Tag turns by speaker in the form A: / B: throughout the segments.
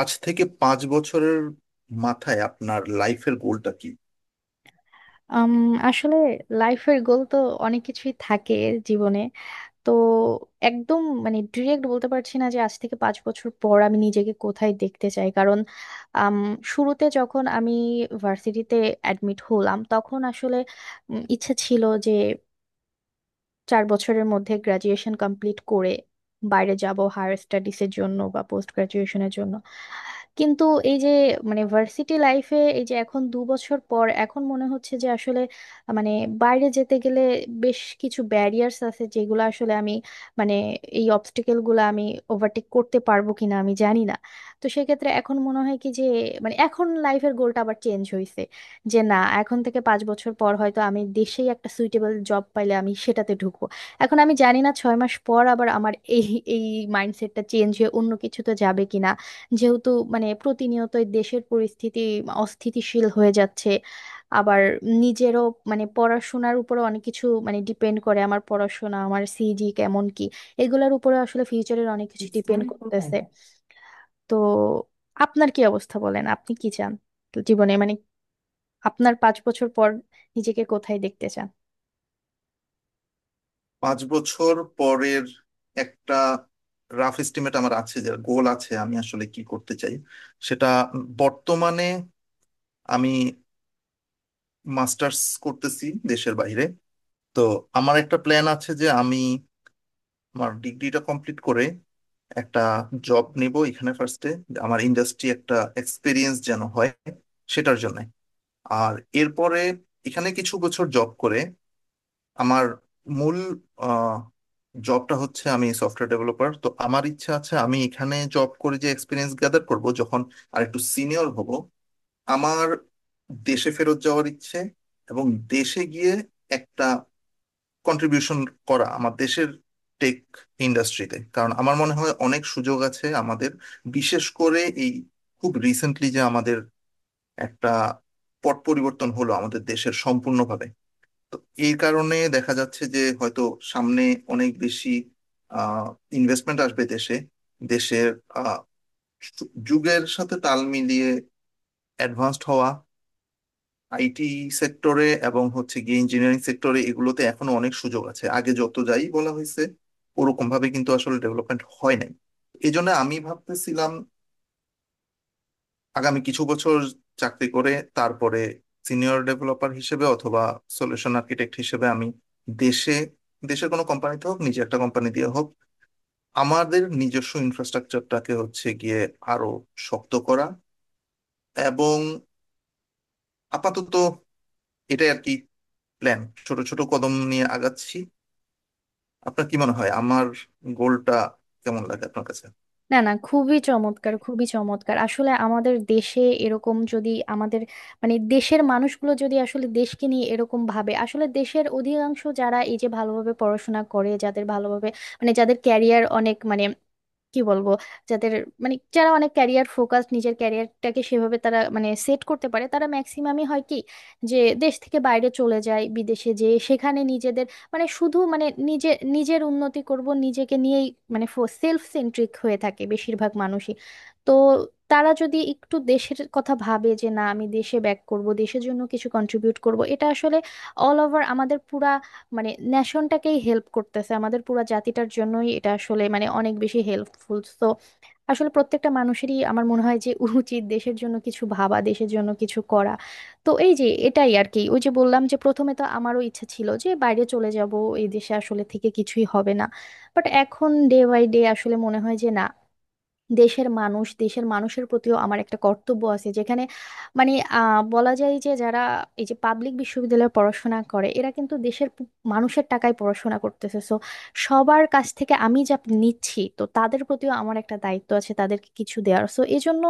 A: আজ থেকে 5 বছরের মাথায় আপনার লাইফের গোলটা কি?
B: আম, আসলে লাইফের গোল তো অনেক কিছুই থাকে জীবনে। তো একদম ডিরেক্ট বলতে পারছি না যে আজ থেকে পাঁচ বছর পর আমি নিজেকে কোথায় দেখতে চাই। কারণ আম, শুরুতে যখন আমি ভার্সিটিতে অ্যাডমিট হলাম তখন আসলে ইচ্ছে ছিল যে চার বছরের মধ্যে গ্রাজুয়েশন কমপ্লিট করে বাইরে যাব হায়ার স্টাডিজের জন্য বা পোস্ট গ্রাজুয়েশনের জন্য। কিন্তু এই যে ভার্সিটি লাইফে এই যে এখন দু বছর পর এখন মনে হচ্ছে যে আসলে মানে বাইরে যেতে গেলে বেশ কিছু ব্যারিয়ার্স আছে যেগুলো আসলে আমি মানে এই অবস্টেকেল গুলো আমি ওভারটেক করতে পারবো কিনা আমি জানি না। তো সেক্ষেত্রে এখন মনে হয় কি যে এখন লাইফের গোলটা আবার চেঞ্জ হয়েছে, যে না, এখন থেকে পাঁচ বছর পর হয়তো আমি দেশেই একটা সুইটেবল জব পাইলে আমি সেটাতে ঢুকবো। এখন আমি জানি না ছয় মাস পর আবার আমার এই এই মাইন্ডসেটটা চেঞ্জ হয়ে অন্য কিছুতে যাবে কিনা, যেহেতু প্রতিনিয়তই দেশের পরিস্থিতি অস্থিতিশীল হয়ে যাচ্ছে। আবার নিজেরও পড়াশোনার উপরে অনেক কিছু ডিপেন্ড করে, আমার পড়াশোনা আমার সিজি কেমন কি, এগুলোর উপরে আসলে ফিউচারের অনেক কিছু ডিপেন্ড করতেছে। তো আপনার কি অবস্থা বলেন, আপনি কি চান জীবনে? আপনার পাঁচ বছর পর নিজেকে কোথায় দেখতে চান?
A: 5 বছর পরের একটা রাফ এস্টিমেট আমার আছে, যে গোল আছে আমি আসলে কি করতে চাই সেটা। বর্তমানে আমি মাস্টার্স করতেছি দেশের বাইরে। তো আমার একটা প্ল্যান আছে যে আমি আমার ডিগ্রিটা কমপ্লিট করে একটা জব নেব এখানে ফার্স্টে, আমার ইন্ডাস্ট্রি একটা এক্সপিরিয়েন্স যেন হয় সেটার জন্য। আর এরপরে এখানে কিছু বছর জব করে, আমার মূল জবটা হচ্ছে আমি সফটওয়্যার ডেভেলপার, তো আমার ইচ্ছা আছে আমি এখানে জব করে যে এক্সপিরিয়েন্স গ্যাদার করব, যখন আর একটু সিনিয়র হব আমার দেশে ফেরত যাওয়ার ইচ্ছে, এবং দেশে গিয়ে একটা কন্ট্রিবিউশন করা আমার দেশের টেক ইন্ডাস্ট্রিতে, কারণ আমার মনে হয় অনেক সুযোগ আছে আমাদের। বিশেষ করে এই খুব রিসেন্টলি যে আমাদের একটা পট পরিবর্তন হলো আমাদের দেশের সম্পূর্ণভাবে, তো এই কারণে দেখা যাচ্ছে যে হয়তো সামনে অনেক বেশি আহ ইনভেস্টমেন্ট আসবে দেশে, দেশের আহ, যুগের সাথে তাল মিলিয়ে অ্যাডভান্সড হওয়া আইটি সেক্টরে এবং হচ্ছে গিয়ে ইঞ্জিনিয়ারিং সেক্টরে। এগুলোতে এখনো অনেক সুযোগ আছে, আগে যত যাই বলা হয়েছে ওরকম ভাবে কিন্তু আসলে ডেভেলপমেন্ট হয় নাই। এই জন্য আমি ভাবতেছিলাম আগামী কিছু বছর চাকরি করে তারপরে সিনিয়র ডেভেলপার হিসেবে অথবা সলিউশন আর্কিটেক্ট হিসেবে আমি দেশে, দেশের কোনো কোম্পানিতে হোক নিজে একটা কোম্পানি দিয়ে হোক আমাদের নিজস্ব ইনফ্রাস্ট্রাকচারটাকে হচ্ছে গিয়ে আরো শক্ত করা। এবং আপাতত এটাই আর কি প্ল্যান, ছোট ছোট কদম নিয়ে আগাচ্ছি। আপনার কি মনে হয় আমার গোলটা কেমন লাগে আপনার কাছে?
B: না না, খুবই চমৎকার খুবই চমৎকার। আসলে আমাদের দেশে এরকম যদি আমাদের দেশের মানুষগুলো যদি আসলে দেশকে নিয়ে এরকম ভাবে, আসলে দেশের অধিকাংশ যারা এই যে ভালোভাবে পড়াশোনা করে যাদের ভালোভাবে যাদের ক্যারিয়ার অনেক মানে কি বলবো যাদের যারা অনেক ক্যারিয়ার ফোকাস নিজের ক্যারিয়ারটাকে সেভাবে তারা সেট করতে পারে, তারা ম্যাক্সিমামই হয় কি যে দেশ থেকে বাইরে চলে যায়, বিদেশে যেয়ে সেখানে নিজেদের মানে শুধু মানে নিজে নিজের উন্নতি করব নিজেকে নিয়েই, মানে সেলফ সেন্ট্রিক হয়ে থাকে বেশিরভাগ মানুষই। তো তারা যদি একটু দেশের কথা ভাবে যে না আমি দেশে ব্যাক করব দেশের জন্য কিছু কন্ট্রিবিউট করব, এটা আসলে অল ওভার আমাদের পুরা নেশনটাকেই হেল্প করতেছে, আমাদের পুরা জাতিটার জন্যই এটা আসলে অনেক বেশি হেল্পফুল। তো আসলে প্রত্যেকটা মানুষেরই আমার মনে হয় যে উচিত দেশের জন্য কিছু ভাবা, দেশের জন্য কিছু করা। তো এই যে এটাই আর কি, ওই যে বললাম যে প্রথমে তো আমারও ইচ্ছা ছিল যে বাইরে চলে যাব, এই দেশে আসলে থেকে কিছুই হবে না। বাট এখন ডে বাই ডে আসলে মনে হয় যে না, দেশের মানুষ, দেশের মানুষের প্রতিও আমার একটা কর্তব্য আছে যেখানে মানে বলা যায় যে যারা এই যে পাবলিক বিশ্ববিদ্যালয়ে পড়াশোনা করে এরা কিন্তু দেশের মানুষের টাকায় পড়াশোনা করতেছে। সো সবার কাছ থেকে আমি যা নিচ্ছি তো তাদের প্রতিও আমার একটা দায়িত্ব আছে তাদেরকে কিছু দেওয়ার। সো এই জন্য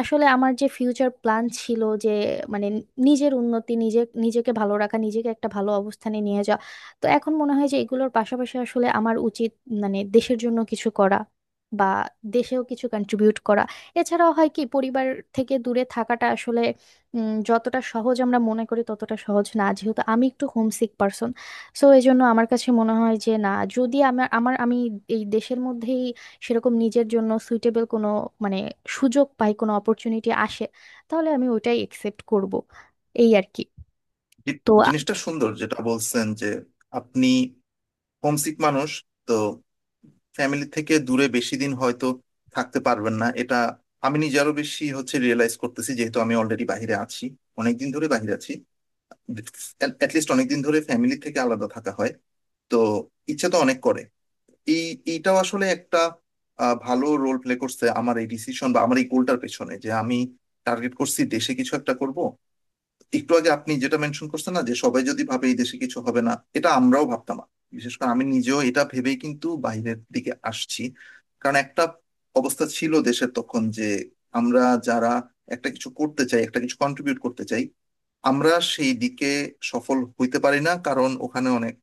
B: আসলে আমার যে ফিউচার প্ল্যান ছিল যে মানে নিজের উন্নতি নিজে, নিজেকে ভালো রাখা, নিজেকে একটা ভালো অবস্থানে নিয়ে যাওয়া, তো এখন মনে হয় যে এগুলোর পাশাপাশি আসলে আমার উচিত দেশের জন্য কিছু করা, বা দেশেও কিছু কন্ট্রিবিউট করা। এছাড়াও হয় কি, পরিবার থেকে দূরে থাকাটা আসলে যতটা সহজ আমরা মনে করি ততটা সহজ না, যেহেতু আমি একটু হোমসিক পার্সন। সো এই জন্য আমার কাছে মনে হয় যে না, যদি আমার আমার আমি এই দেশের মধ্যেই সেরকম নিজের জন্য সুইটেবল কোনো মানে সুযোগ পাই, কোনো অপরচুনিটি আসে, তাহলে আমি ওইটাই একসেপ্ট করব। এই আর কি।
A: জি-
B: তো
A: জিনিসটা সুন্দর যেটা বলছেন যে আপনি হোমসিক মানুষ, তো ফ্যামিলি থেকে দূরে বেশি দিন হয়তো থাকতে পারবেন না, এটা আমি নিজে আরো বেশি হচ্ছে রিয়েলাইজ করতেছি যেহেতু আমি অলরেডি বাইরে আছি, অনেকদিন ধরে বাইরে আছি। অ্যাটলিস্ট অনেকদিন ধরে ফ্যামিলি থেকে আলাদা থাকা হয়, তো ইচ্ছা তো অনেক করে। এই এইটাও আসলে একটা ভালো রোল প্লে করছে আমার এই ডিসিশন বা আমার এই গোলটার পেছনে, যে আমি টার্গেট করছি দেশে কিছু একটা করব। একটু আগে আপনি যেটা মেনশন করছেন না, যে সবাই যদি ভাবে এই দেশে কিছু হবে না, এটা আমরাও ভাবতাম না। বিশেষ করে আমি নিজেও এটা ভেবেই কিন্তু বাইরের দিকে আসছি, কারণ একটা অবস্থা ছিল দেশের তখন যে আমরা যারা একটা কিছু করতে চাই, একটা কিছু কন্ট্রিবিউট করতে চাই, আমরা সেই দিকে সফল হইতে পারি না কারণ ওখানে অনেক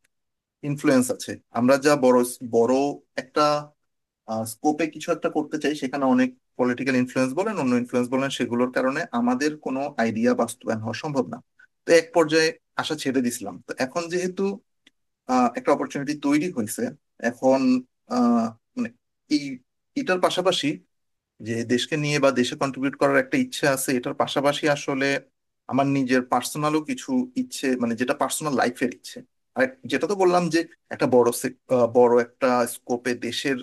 A: ইনফ্লুয়েন্স আছে। আমরা যা বড় বড় একটা স্কোপে কিছু একটা করতে চাই সেখানে অনেক পলিটিক্যাল ইনফ্লুয়েন্স বলেন অন্য ইনফ্লুয়েন্স বলেন, সেগুলোর কারণে আমাদের কোনো আইডিয়া বাস্তবায়ন হওয়া সম্ভব না। তো এক পর্যায়ে আশা ছেড়ে দিছিলাম, তো এখন যেহেতু একটা অপরচুনিটি তৈরি হয়েছে এখন, আহ, মানে এই এটার পাশাপাশি যে দেশকে নিয়ে বা দেশে কন্ট্রিবিউট করার একটা ইচ্ছে আছে, এটার পাশাপাশি আসলে আমার নিজের পার্সোনালও কিছু ইচ্ছে, মানে যেটা পার্সোনাল লাইফের ইচ্ছে। আর যেটা তো বললাম যে একটা বড় বড় একটা স্কোপে দেশের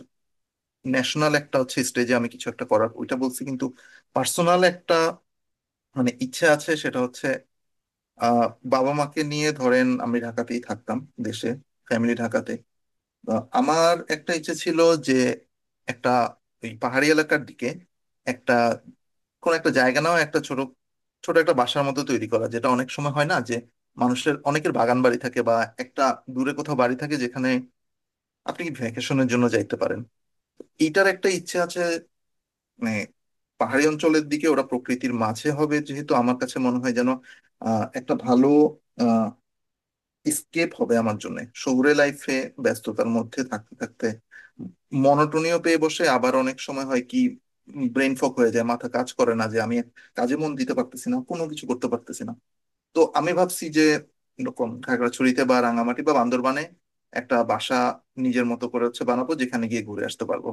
A: ন্যাশনাল একটা হচ্ছে স্টেজে আমি কিছু একটা করার ওইটা বলছি, কিন্তু পার্সোনাল একটা মানে ইচ্ছা আছে সেটা হচ্ছে আহ বাবা মাকে নিয়ে। ধরেন আমি ঢাকাতেই থাকতাম দেশে, ফ্যামিলি ঢাকাতে, তো আমার একটা ইচ্ছে ছিল যে একটা ওই পাহাড়ি এলাকার দিকে একটা কোন একটা জায়গা নাও, একটা ছোট ছোট একটা বাসার মতো তৈরি করা। যেটা অনেক সময় হয় না যে মানুষের, অনেকের বাগান বাড়ি থাকে বা একটা দূরে কোথাও বাড়ি থাকে যেখানে আপনি ভ্যাকেশনের জন্য যাইতে পারেন, এইটার একটা ইচ্ছে আছে। মানে পাহাড়ি অঞ্চলের দিকে ওরা প্রকৃতির মাঝে হবে, যেহেতু আমার কাছে মনে হয় যেন একটা ভালো স্কেপ হবে আমার জন্য। শহুরে লাইফে ব্যস্ততার মধ্যে থাকতে থাকতে মনোটোনিও পেয়ে বসে, আবার অনেক সময় হয় কি ব্রেন ফগ হয়ে যায়, মাথা কাজ করে না, যে আমি কাজে মন দিতে পারতেছি না, কোনো কিছু করতে পারতেছি না। তো আমি ভাবছি যে এরকম খাগড়াছড়িতে বা রাঙামাটি বা বান্দরবানে একটা বাসা নিজের মতো করে হচ্ছে বানাবো, যেখানে গিয়ে ঘুরে আসতে পারবো।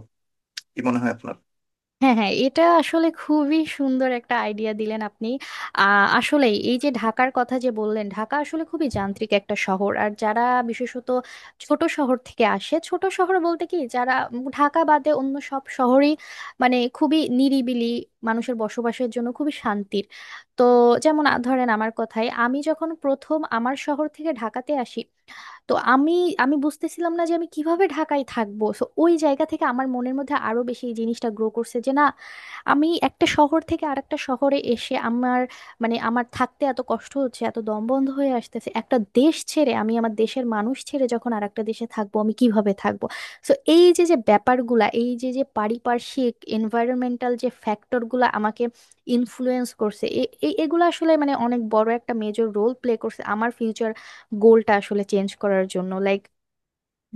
A: কি মনে হয় আপনার?
B: হ্যাঁ হ্যাঁ, এটা আসলে খুবই সুন্দর একটা আইডিয়া দিলেন আপনি। আহ আসলে এই যে ঢাকার কথা যে বললেন, ঢাকা আসলে খুবই যান্ত্রিক একটা শহর। আর যারা বিশেষত ছোট শহর থেকে আসে, ছোট শহর বলতে কি, যারা ঢাকা বাদে অন্য সব শহরই খুবই নিরিবিলি, মানুষের বসবাসের জন্য খুবই শান্তির। তো যেমন ধরেন আমার কথায়, আমি যখন প্রথম আমার শহর থেকে ঢাকাতে আসি, তো আমি আমি বুঝতেছিলাম না যে আমি কিভাবে ঢাকায় থাকবো। সো ওই জায়গা থেকে আমার মনের মধ্যে আরো বেশি এই জিনিসটা গ্রো করছে যে না, আমি একটা শহর থেকে আরেকটা শহরে এসে আমার আমার থাকতে এত কষ্ট হচ্ছে এত দম বন্ধ হয়ে আসতেছে, একটা দেশ ছেড়ে আমি আমার দেশের মানুষ ছেড়ে যখন আরেকটা দেশে থাকবো আমি কিভাবে থাকবো। সো এই যে যে ব্যাপারগুলা, এই যে যে পারিপার্শ্বিক এনভায়রনমেন্টাল যে ফ্যাক্টরগুলা আমাকে ইনফ্লুয়েন্স করছে এগুলো আসলে অনেক বড় একটা মেজর রোল প্লে করছে আমার ফিউচার গোলটা আসলে চেঞ্জ করার জন্য। লাইক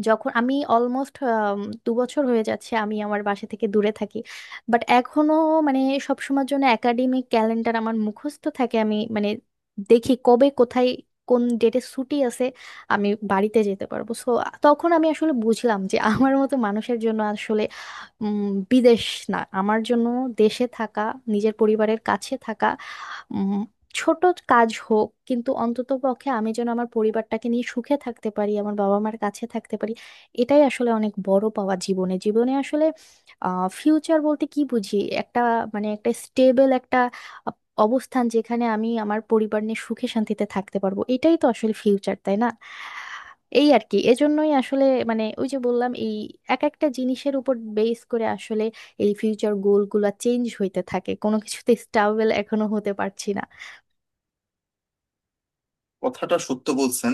B: যখন আমি অলমোস্ট দু বছর হয়ে যাচ্ছে আমি আমার বাসা থেকে দূরে থাকি, বাট এখনো মানে সবসময়ের জন্য একাডেমিক ক্যালেন্ডার আমার মুখস্থ থাকে। আমি দেখি কবে কোথায় কোন ডেটে ছুটি আছে আমি বাড়িতে যেতে পারবো। সো তখন আমি আসলে বুঝলাম যে আমার মতো মানুষের জন্য আসলে উম, বিদেশ না, আমার জন্য দেশে থাকা, নিজের পরিবারের কাছে থাকা, ছোট কাজ হোক কিন্তু অন্তত পক্ষে আমি যেন আমার পরিবারটাকে নিয়ে সুখে থাকতে পারি, আমার বাবা মার কাছে থাকতে পারি, এটাই আসলে অনেক বড় পাওয়া জীবনে। জীবনে আসলে আহ ফিউচার বলতে কি বুঝি, একটা একটা স্টেবল একটা আহ, অবস্থান যেখানে আমি আমার পরিবার নিয়ে সুখে শান্তিতে থাকতে পারবো, এটাই তো আসলে ফিউচার তাই না। এই আর কি, এজন্যই আসলে ওই যে বললাম এই এক একটা জিনিসের উপর বেস করে আসলে এই ফিউচার গোল গুলা চেঞ্জ হইতে থাকে, কোনো কিছুতে স্টাবেল এখনো হতে পারছি
A: কথাটা সত্য বলছেন,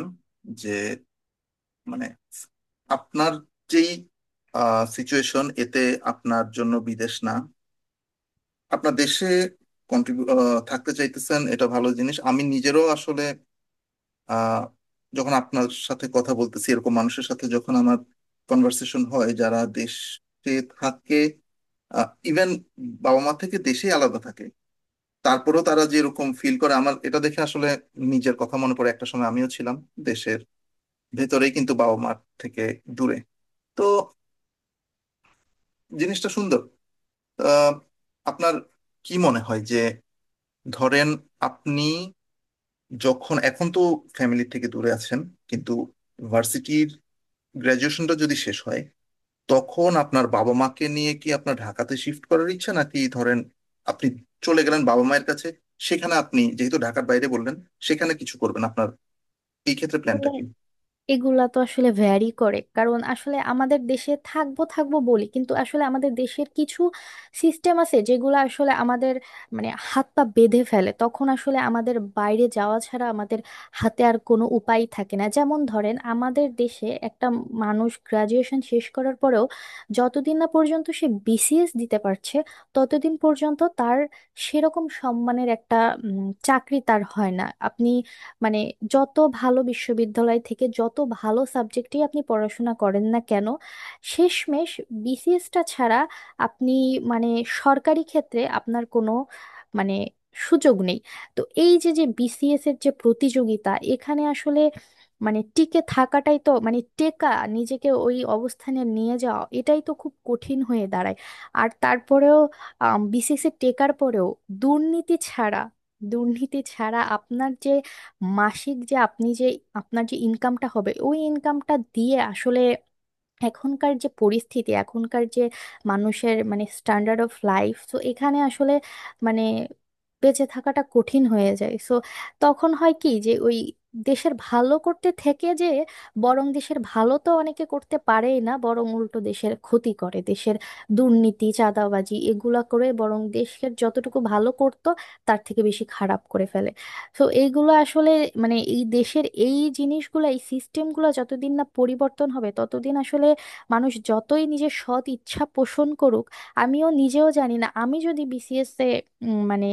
A: যে মানে আপনার যেই সিচুয়েশন এতে আপনার জন্য বিদেশ না, আপনার দেশে কন্ট্রিবিউ থাকতে চাইতেছেন, এটা ভালো জিনিস। আমি নিজেরও আসলে আহ, যখন আপনার সাথে কথা বলতেছি, এরকম মানুষের সাথে যখন আমার কনভার্সেশন হয় যারা দেশে থাকে, ইভেন বাবা মা থেকে দেশেই আলাদা থাকে, তারপরেও তারা যেরকম ফিল করে আমার এটা দেখে আসলে নিজের কথা মনে পড়ে। একটা সময় আমিও ছিলাম দেশের ভেতরেই কিন্তু বাবা মার থেকে দূরে, তো জিনিসটা সুন্দর। আহ, আপনার কি মনে হয় যে, ধরেন আপনি, যখন এখন তো ফ্যামিলি থেকে দূরে আছেন কিন্তু ভার্সিটির গ্রাজুয়েশনটা যদি শেষ হয় তখন আপনার বাবা মাকে নিয়ে কি আপনার ঢাকাতে শিফট করার ইচ্ছা, নাকি ধরেন আপনি চলে গেলেন বাবা মায়ের কাছে, সেখানে আপনি যেহেতু ঢাকার বাইরে বললেন সেখানে কিছু করবেন, আপনার এই ক্ষেত্রে প্ল্যানটা
B: না।
A: কি?
B: এগুলা তো আসলে ভ্যারি করে, কারণ আসলে আমাদের দেশে থাকবো থাকবো বলি কিন্তু আসলে আমাদের দেশের কিছু সিস্টেম আছে যেগুলো আসলে আমাদের হাত পা বেঁধে ফেলে, তখন আসলে আমাদের বাইরে যাওয়া ছাড়া আমাদের হাতে আর কোনো উপায় থাকে না। যেমন ধরেন আমাদের দেশে একটা মানুষ গ্রাজুয়েশন শেষ করার পরেও যতদিন না পর্যন্ত সে বিসিএস দিতে পারছে ততদিন পর্যন্ত তার সেরকম সম্মানের একটা চাকরি তার হয় না। আপনি মানে যত ভালো বিশ্ববিদ্যালয় থেকে যত ভালো সাবজেক্টই আপনি পড়াশোনা করেন না কেন, শেষমেশ বিসিএসটা ছাড়া আপনি মানে সরকারি ক্ষেত্রে আপনার কোনো মানে সুযোগ নেই। তো এই যে যে বিসিএস এর যে প্রতিযোগিতা, এখানে আসলে টিকে থাকাটাই তো, টেকা, নিজেকে ওই অবস্থানে নিয়ে যাওয়া এটাই তো খুব কঠিন হয়ে দাঁড়ায়। আর তারপরেও বিসিএস এ টেকার পরেও দুর্নীতি ছাড়া, দুর্নীতি ছাড়া আপনার যে মাসিক যে আপনি যে আপনার যে ইনকামটা হবে ওই ইনকামটা দিয়ে আসলে এখনকার যে পরিস্থিতি, এখনকার যে মানুষের স্ট্যান্ডার্ড অফ লাইফ, তো এখানে আসলে মানে বেঁচে থাকাটা কঠিন হয়ে যায়। সো তখন হয় কি যে ওই দেশের ভালো করতে থেকে যে, বরং দেশের ভালো তো অনেকে করতে পারেই না বরং উল্টো দেশের ক্ষতি করে, দেশের দুর্নীতি চাঁদাবাজি এগুলা করে, বরং দেশের যতটুকু ভালো করতো তার থেকে বেশি খারাপ করে ফেলে। তো এইগুলো আসলে এই দেশের এই জিনিসগুলো এই সিস্টেমগুলো যতদিন না পরিবর্তন হবে ততদিন আসলে মানুষ যতই নিজের সৎ ইচ্ছা পোষণ করুক, আমিও নিজেও জানি না আমি যদি বিসিএস এ উম, মানে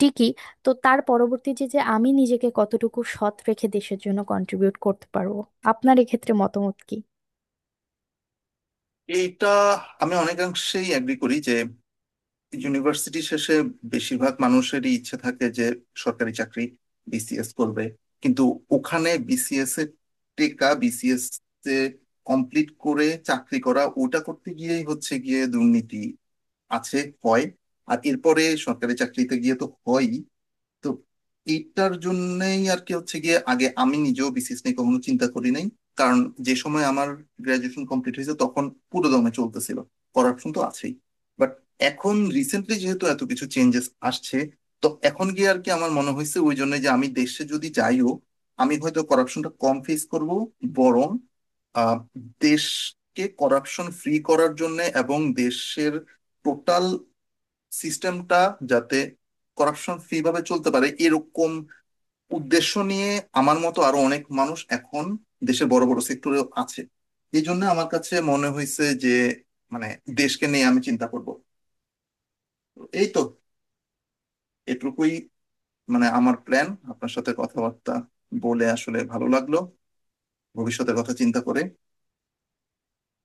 B: টিকি তো তার পরবর্তী যে যে আমি নিজেকে কতটুকু সৎ রেখে দেশের জন্য কন্ট্রিবিউট করতে পারবো। আপনার এক্ষেত্রে মতামত কি?
A: এইটা আমি অনেকাংশেই এগ্রি করি, যে ইউনিভার্সিটি শেষে বেশিরভাগ মানুষেরই ইচ্ছে থাকে যে সরকারি চাকরি, বিসিএস করবে। কিন্তু ওখানে বিসিএস এর টেকা, বিসিএস এ কমপ্লিট করে চাকরি করা, ওটা করতে গিয়েই হচ্ছে গিয়ে দুর্নীতি আছে, হয়। আর এরপরে সরকারি চাকরিতে গিয়ে তো হয়ই। তো এইটার জন্যই আর কি হচ্ছে গিয়ে, আগে আমি নিজেও বিসিএস নিয়ে কখনো চিন্তা করি নাই, কারণ যে সময় আমার গ্রাজুয়েশন কমপ্লিট হয়েছে তখন পুরো দমে চলতেছিল করাপশন, তো আছেই। বাট এখন রিসেন্টলি যেহেতু এত কিছু চেঞ্জেস আসছে, তো এখন গিয়ে আর কি আমার মনে হয়েছে ওই জন্য যে আমি দেশে যদি যাইও আমি হয়তো করাপশনটা কম ফেস করব, বরং আহ, দেশকে করাপশন ফ্রি করার জন্য এবং দেশের টোটাল সিস্টেমটা যাতে করাপশন ফ্রি ভাবে চলতে পারে এরকম উদ্দেশ্য নিয়ে আমার মতো আরো অনেক মানুষ এখন দেশের বড় বড় সেক্টরে আছে। এই জন্য আমার কাছে মনে হয়েছে যে মানে দেশকে নিয়ে আমি চিন্তা করব, এই তো, এটুকুই মানে আমার প্ল্যান। আপনার সাথে কথাবার্তা বলে আসলে ভালো লাগলো, ভবিষ্যতের কথা চিন্তা করে।